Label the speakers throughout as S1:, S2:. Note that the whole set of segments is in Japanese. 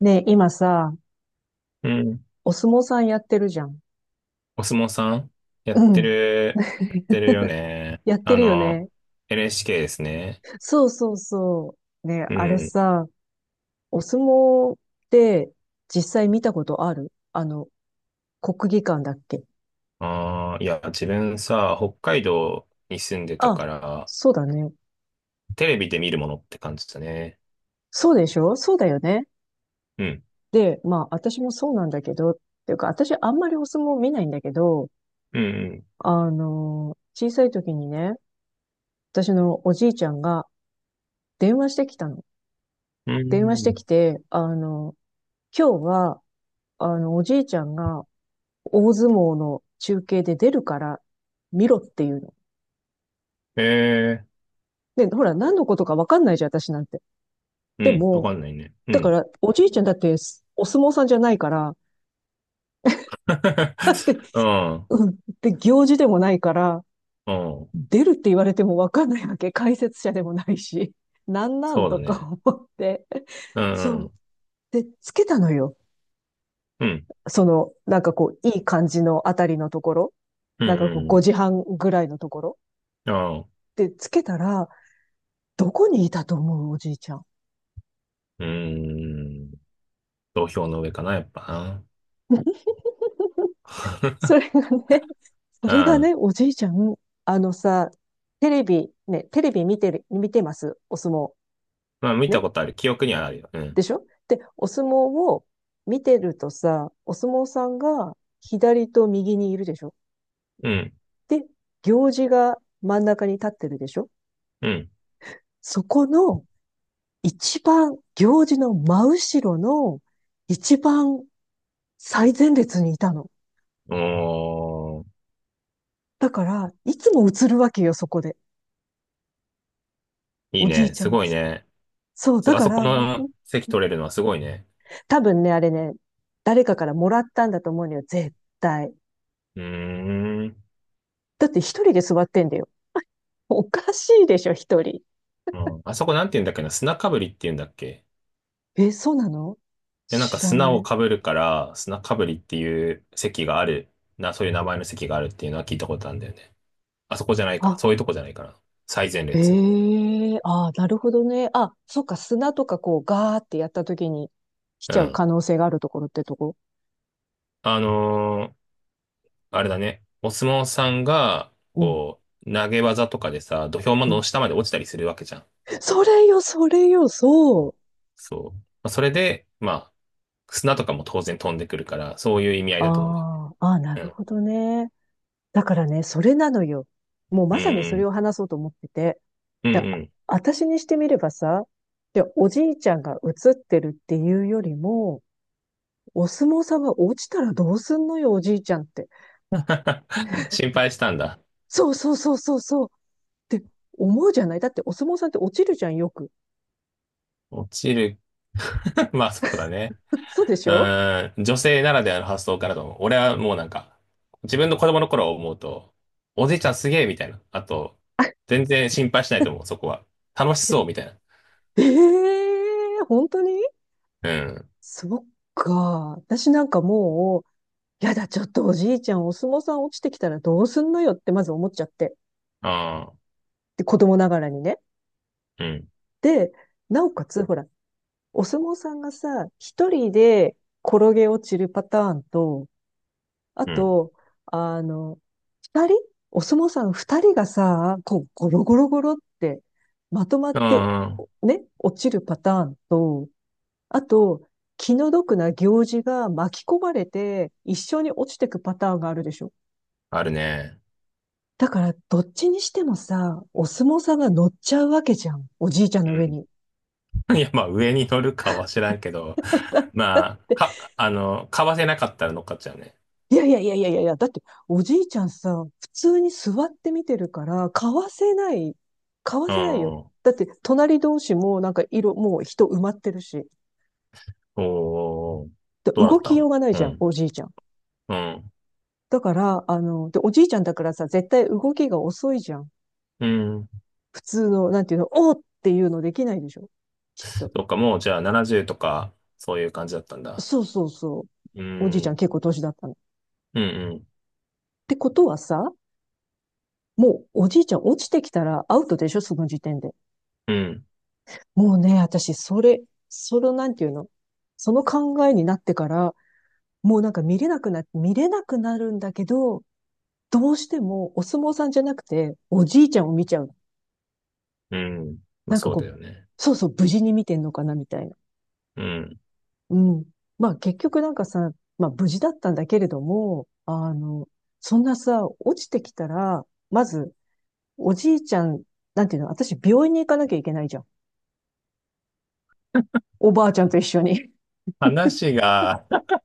S1: ねえ、今さ、
S2: うん。
S1: お相撲さんやってるじゃん。
S2: お相撲さんや
S1: う
S2: って
S1: ん。
S2: る、やってるよ ね。
S1: やってるよね。
S2: LHK ですね。
S1: そうそうそう。ねえ、
S2: う
S1: あれ
S2: ん。
S1: さ、お相撲って実際見たことある国技館だっけ？
S2: ああ、いや、自分さ、北海道に住んでた
S1: あ、
S2: から、
S1: そうだね。
S2: テレビで見るものって感じだね。
S1: そうでしょ？そうだよね。
S2: うん。
S1: で、まあ、私もそうなんだけど、っていうか、私あんまりお相撲見ないんだけど、
S2: うん、
S1: 小さい時にね、私のおじいちゃんが電話してきたの。
S2: うん。
S1: 電話し
S2: う
S1: てき
S2: ん。
S1: て、今日はおじいちゃんが大相撲の中継で出るから見ろっていうの。
S2: え
S1: で、ほら、何のことかわかんないじゃん、私なんて。
S2: ー、う
S1: で
S2: ん。わ
S1: も、
S2: かんないね。う
S1: だか
S2: ん。
S1: ら、おじいちゃんだってお相撲さんじゃないから、
S2: うん。
S1: うん、で、行事でもないから、
S2: うん。
S1: 出るって言われてもわかんないわけ。解説者でもないし。なんなん
S2: そうだ
S1: とか
S2: ね。
S1: 思って。
S2: うん。う
S1: そう。
S2: ん。
S1: で、つけたのよ。
S2: うん。
S1: その、なんかこう、いい感じのあたりのところ。
S2: う
S1: なんかこう、
S2: ん。うん。
S1: 5時半ぐらいのところ。
S2: うん。ああ、
S1: で、つけたら、どこにいたと思う、おじいちゃん。
S2: うーん、土俵の上かな、やっぱ
S1: そ
S2: な。
S1: れがね、それがね、おじいちゃん、あのさ、テレビ、ね、テレビ見てる、見てます、お相撲。
S2: まあ、見た
S1: ね。
S2: ことある。記憶にはあるよ。う
S1: で
S2: ん。
S1: しょ？で、お相撲を見てるとさ、お相撲さんが左と右にいるでしょ？
S2: うん。
S1: で、行司が真ん中に立ってるでしょ？
S2: うん。
S1: そこの一番、行司の真後ろの一番最前列にいたの。
S2: おー、
S1: だから、いつも映るわけよ、そこで。
S2: いい
S1: おじい
S2: ね。
S1: ちゃ
S2: す
S1: んが。
S2: ごいね。
S1: そう、だ
S2: あ
S1: か
S2: そこ
S1: ら、
S2: の席取れるのはすごいね。
S1: 多分ね、あれね、誰かからもらったんだと思うのよ、絶対。
S2: うーん。
S1: だって一人で座ってんだよ。おかしいでしょ、一人。
S2: うん。あそこなんて言うんだっけな。砂かぶりって言うんだっけ。
S1: え、そうなの？
S2: いや、なんか
S1: 知ら
S2: 砂
S1: な
S2: を
S1: い。
S2: かぶるから、砂かぶりっていう席がある。そういう名前の席があるっていうのは聞いたことあるんだよね。あそこじゃないから。そう
S1: あ、
S2: いうとこじゃないから。最前列。
S1: ええ、ああ、なるほどね。あ、そっか、砂とかこう、ガーってやった時に来
S2: う
S1: ちゃう
S2: ん。
S1: 可能性があるところってとこ。
S2: あのーあれだね。お相撲さんが、
S1: うん、
S2: こう、投げ技とかでさ、土俵
S1: う
S2: の
S1: ん。
S2: 下まで落ちたりするわけじゃん。
S1: それよ、それよ、そ
S2: あ、
S1: う。
S2: そう。まあ、それで、まあ、砂とかも当然飛んでくるから、そういう意味合いだと思うね。
S1: ああ、ああ、な
S2: う
S1: る
S2: ん。
S1: ほどね。だからね、それなのよ。もう
S2: うん
S1: まさに
S2: う
S1: それ
S2: ん。
S1: を話そうと思ってて。
S2: うん
S1: で、
S2: うん。
S1: 私にしてみればさ、で、おじいちゃんが映ってるっていうよりも、お相撲さんが落ちたらどうすんのよ、おじいちゃんって。
S2: 心配したんだ。
S1: そうそうそうそうそうって思うじゃない？だってお相撲さんって落ちるじゃん、よく。
S2: 落ちる。まあそうだね。
S1: そうで
S2: う
S1: しょ？
S2: ーん。女性ならではの発想かなと思う。俺はもうなんか、自分の子供の頃を思うと、おじいちゃんすげえみたいな。あと、
S1: え、
S2: 全然心配しないと思う、そこは。楽しそうみたいな。
S1: えー、本当に？
S2: うん。
S1: そっか。私なんかもう、やだ、ちょっとおじいちゃん、お相撲さん落ちてきたらどうすんのよってまず思っちゃって。
S2: ああ、
S1: で、子供ながらにね。
S2: うん。
S1: で、なおかつ、ほら、お相撲さんがさ、一人で転げ落ちるパターンと、あ
S2: うん。
S1: と、あの、二人お相撲さん二人がさ、こう、ゴロゴロゴロってまとまっ
S2: う
S1: て、
S2: ん。
S1: ね、落ちるパターンと、あと、気の毒な行事が巻き込まれて一緒に落ちてくパターンがあるでしょ。
S2: あるね。
S1: だから、どっちにしてもさ、お相撲さんが乗っちゃうわけじゃん。おじいちゃんの上に。
S2: いや、まあ、上に乗るかは知らんけど、まあ、か、あの、買わせなかったら乗っかっちゃうね。
S1: いやいやいやいやいやいや、だっておじいちゃんさ、普通に座って見てるから、買わせない。買わ
S2: う
S1: せないよ。
S2: ん。
S1: だって隣同士もなんか色、もう人埋まってるし。
S2: おー、
S1: で
S2: どうだ
S1: 動
S2: った
S1: きよう
S2: の。
S1: がない
S2: う
S1: じゃん、
S2: ん、
S1: おじいちゃん。
S2: うん、
S1: だから、おじいちゃんだからさ、絶対動きが遅いじゃん。
S2: うん。
S1: 普通の、なんていうの、おーっていうのできないでしょ。きっと。
S2: そっか、もうじゃあ70とか、そういう感じだったんだ。
S1: そうそうそう。
S2: う
S1: おじ
S2: ん、
S1: いち
S2: う
S1: ゃん
S2: ん、
S1: 結構年だったの。っ
S2: うん、
S1: てことはさ、もうおじいちゃん落ちてきたらアウトでしょ、その時点で。
S2: うん、
S1: もうね、私、それ、その、なんていうの？その考えになってから、もうなんか見れなくな、見れなくなるんだけど、どうしてもお相撲さんじゃなくて、おじいちゃんを見ちゃうの。
S2: うん。まあ、
S1: なんか
S2: そう
S1: こ
S2: だ
S1: う、
S2: よね。
S1: そうそう、無事に見てんのかな、みたいな。
S2: うん。
S1: うん。まあ結局なんかさ、まあ無事だったんだけれども、そんなさ、落ちてきたら、まず、おじいちゃん、なんていうの、私病院に行かなきゃいけないじゃん。おばあちゃんと一緒に。
S2: 話が、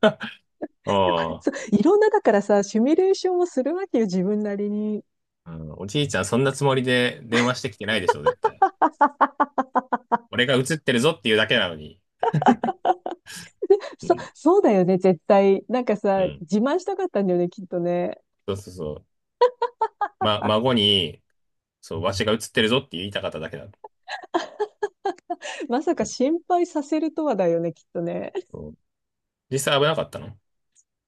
S2: お
S1: そう、
S2: ー、
S1: いろんなだからさ、シミュレーションをするわけよ、自分なりに。
S2: うん、おじいちゃんそんなつもりで電話してきてないでしょ、絶対。俺が映ってるぞっていうだけなのに。う
S1: そ、
S2: ん、
S1: そうだよね、絶対。なんか
S2: う
S1: さ、
S2: ん。
S1: 自慢したかったんだよね、きっとね。
S2: そうそうそう。ま、孫に、そう、わしが映ってるぞって言いたかっただけだ。
S1: まさ
S2: う
S1: か
S2: ん。
S1: 心配させるとはだよね、きっとね。
S2: そう。実際危なかったの？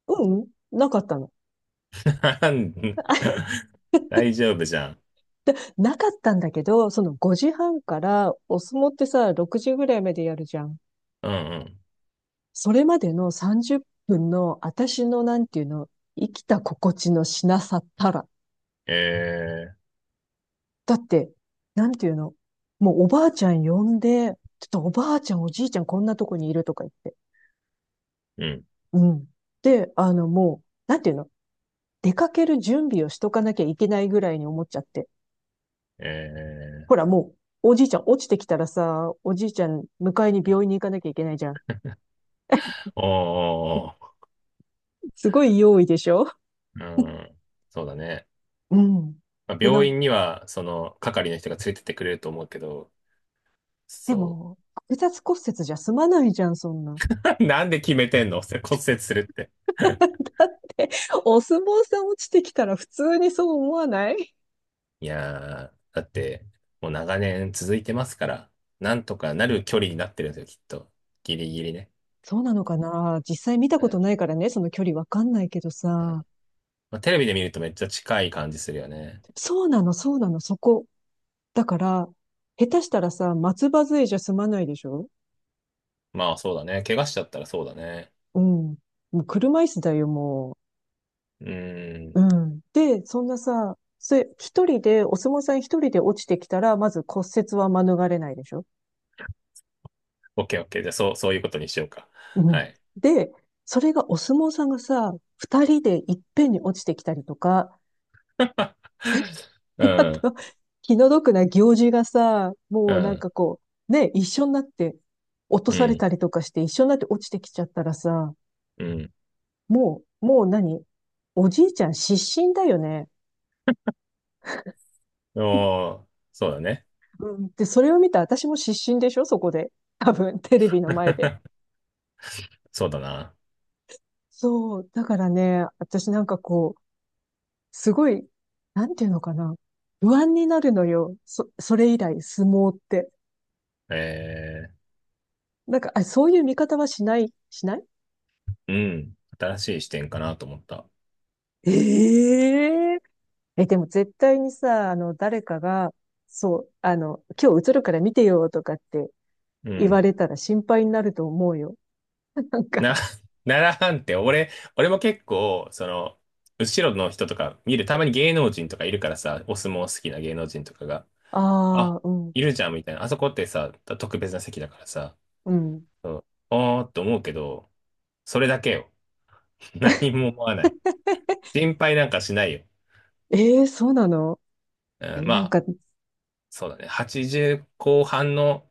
S1: うん、なかったの。あ
S2: 大丈夫じゃん。
S1: なかったんだけど、その5時半からお相撲ってさ、6時ぐらいまでやるじゃん。
S2: うんうん。
S1: それまでの30分の私のなんていうの、生きた心地のしなさったら。
S2: え
S1: だって、なんていうの？もうおばあちゃん呼んで、ちょっとおばあちゃんおじいちゃんこんなとこにいるとか言って。
S2: ー、うん。
S1: うん。で、あのもう、なんていうの？出かける準備をしとかなきゃいけないぐらいに思っちゃって。
S2: えー、
S1: ほらもう、おじいちゃん落ちてきたらさ、おじいちゃん迎えに病院に行かなきゃいけないじゃん。
S2: おー
S1: すごい用意でしょ？
S2: おーおー、うん。そうだね。
S1: うん。
S2: まあ、
S1: で、な
S2: 病
S1: ん、
S2: 院には、その、係の人が連れてってくれると思うけど、
S1: で
S2: そ
S1: も、複雑骨折じゃ済まないじゃん、そんな。
S2: う。なんで決めてんの？ 骨折するって。
S1: お相撲さん落ちてきたら普通にそう思わない？
S2: いやー、だって、もう長年続いてますから、なんとかなる距離になってるんですよ、きっと。ギリギリね。
S1: そうなのかな？実際見た
S2: う
S1: こと
S2: ん。
S1: ないからね、その距離わかんないけどさ。
S2: まあ、テレビで見るとめっちゃ近い感じするよね。
S1: そうなの、そうなの、そこ。だから、下手したらさ、松葉杖じゃ済まないでしょ？
S2: まあそうだね。怪我しちゃったらそうだね。
S1: うん。もう車椅子だよ、も
S2: うー
S1: う。
S2: ん。
S1: うん。で、そんなさ、それ、一人で、お相撲さん一人で落ちてきたら、まず骨折は免れないでしょ？
S2: オッケーオッケー。じゃあそう、そういうことにしようか。
S1: う
S2: は
S1: ん。
S2: い。
S1: で、それがお相撲さんがさ、二人でいっぺんに落ちてきたりとか、
S2: う
S1: あ
S2: ん、
S1: と、気の毒な行事がさ、
S2: う
S1: もうなん
S2: ん、
S1: かこう、ね、一緒になって落と
S2: う
S1: され
S2: ん、
S1: たりとかして一緒になって落ちてきちゃったらさ、
S2: うん。
S1: もう、もう何おじいちゃん失神だよね。
S2: おー、そうだね。
S1: うん。で、それを見た私も失神でしょ？そこで。多分、テレビの前で。
S2: そうだな。
S1: そう。だからね、私なんかこう、すごい、なんていうのかな。不安になるのよ。そ、それ以来、相撲って。
S2: え
S1: なんか、あ、そういう見方はしない、しない
S2: ー、うん。新しい視点かなと思った。
S1: え？ええ、でも絶対にさ、誰かが、そう、今日映るから見てよとかって
S2: う
S1: 言わ
S2: ん。
S1: れたら心配になると思うよ。なんか、
S2: な、奈良藩って俺も結構、その、後ろの人とか見る、たまに芸能人とかいるからさ、お相撲好きな芸能人とかが。あ、
S1: ああ、うん、
S2: いるじゃんみたいな。あそこってさ、特別な席だからさ、
S1: うん。
S2: うん、おーって思うけど、それだけよ。何も思わない。心配なんかしないよ。
S1: えー、そうなの？え
S2: うん、
S1: ー
S2: ま
S1: なん
S2: あ、
S1: か、
S2: そうだね。80後半の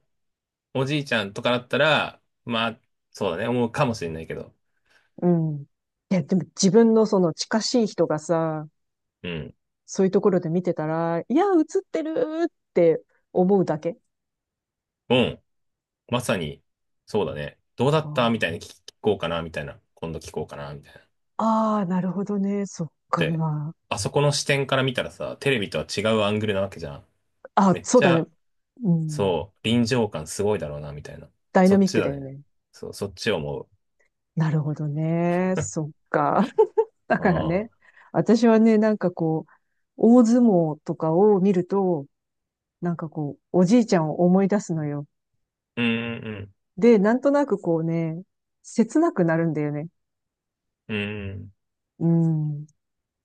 S2: おじいちゃんとかだったら、まあ、そうだね。思うかもしれないけど。
S1: うん。いや、でも自分のその近しい人がさ、
S2: うん。
S1: そういうところで見てたら、いや、映ってるって思うだけ。
S2: うん。まさに、そうだね。どうだ
S1: あ
S2: ったみた
S1: ー、
S2: いに聞こうかな、みたいな。今度聞こうかな、みたいな。
S1: あー、なるほどね。そっ
S2: で、
S1: か。
S2: あそこの視点から見たらさ、テレビとは違うアングルなわけじゃん。
S1: あ、
S2: めっ
S1: そう
S2: ち
S1: だね。
S2: ゃ
S1: うん。
S2: そう、臨場感すごいだろうな、みたいな。
S1: ダイ
S2: そ
S1: ナ
S2: っ
S1: ミッ
S2: ち
S1: ク
S2: だ
S1: だよ
S2: ね。
S1: ね。
S2: そう、そっちを思う。
S1: なるほどね。そっか。だ
S2: あ
S1: からね、
S2: あ。
S1: 私はね、なんかこう、大相撲とかを見ると、なんかこう、おじいちゃんを思い出すのよ。
S2: うん、うん、
S1: で、なんとなくこうね、切なくなるんだよね。
S2: うん、
S1: うん。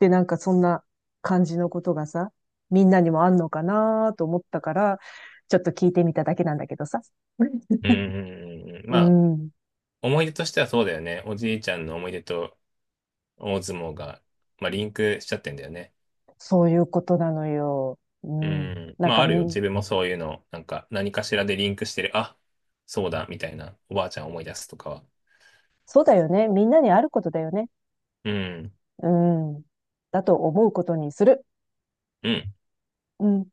S1: で、なんかそんな感じのことがさ、みんなにもあんのかなと思ったから、ちょっと聞いてみただけなんだけどさ。
S2: う ん、うん、うん。
S1: う
S2: まあ、
S1: ん。
S2: 思い出としてはそうだよね。おじいちゃんの思い出と大相撲が、まあ、リンクしちゃってんだよね。
S1: そういうことなのよ。う
S2: う
S1: ん。
S2: ん。
S1: なん
S2: まあ、
S1: か
S2: ある
S1: み
S2: よ。
S1: ん、
S2: 自分もそういうの、なんか、何かしらでリンクしてる。あ、そうだ、みたいな。おばあちゃん思い出すとかは。
S1: そうだよね。みんなにあることだよね。
S2: うん。
S1: うん。だと思うことにする。
S2: うん、
S1: うん。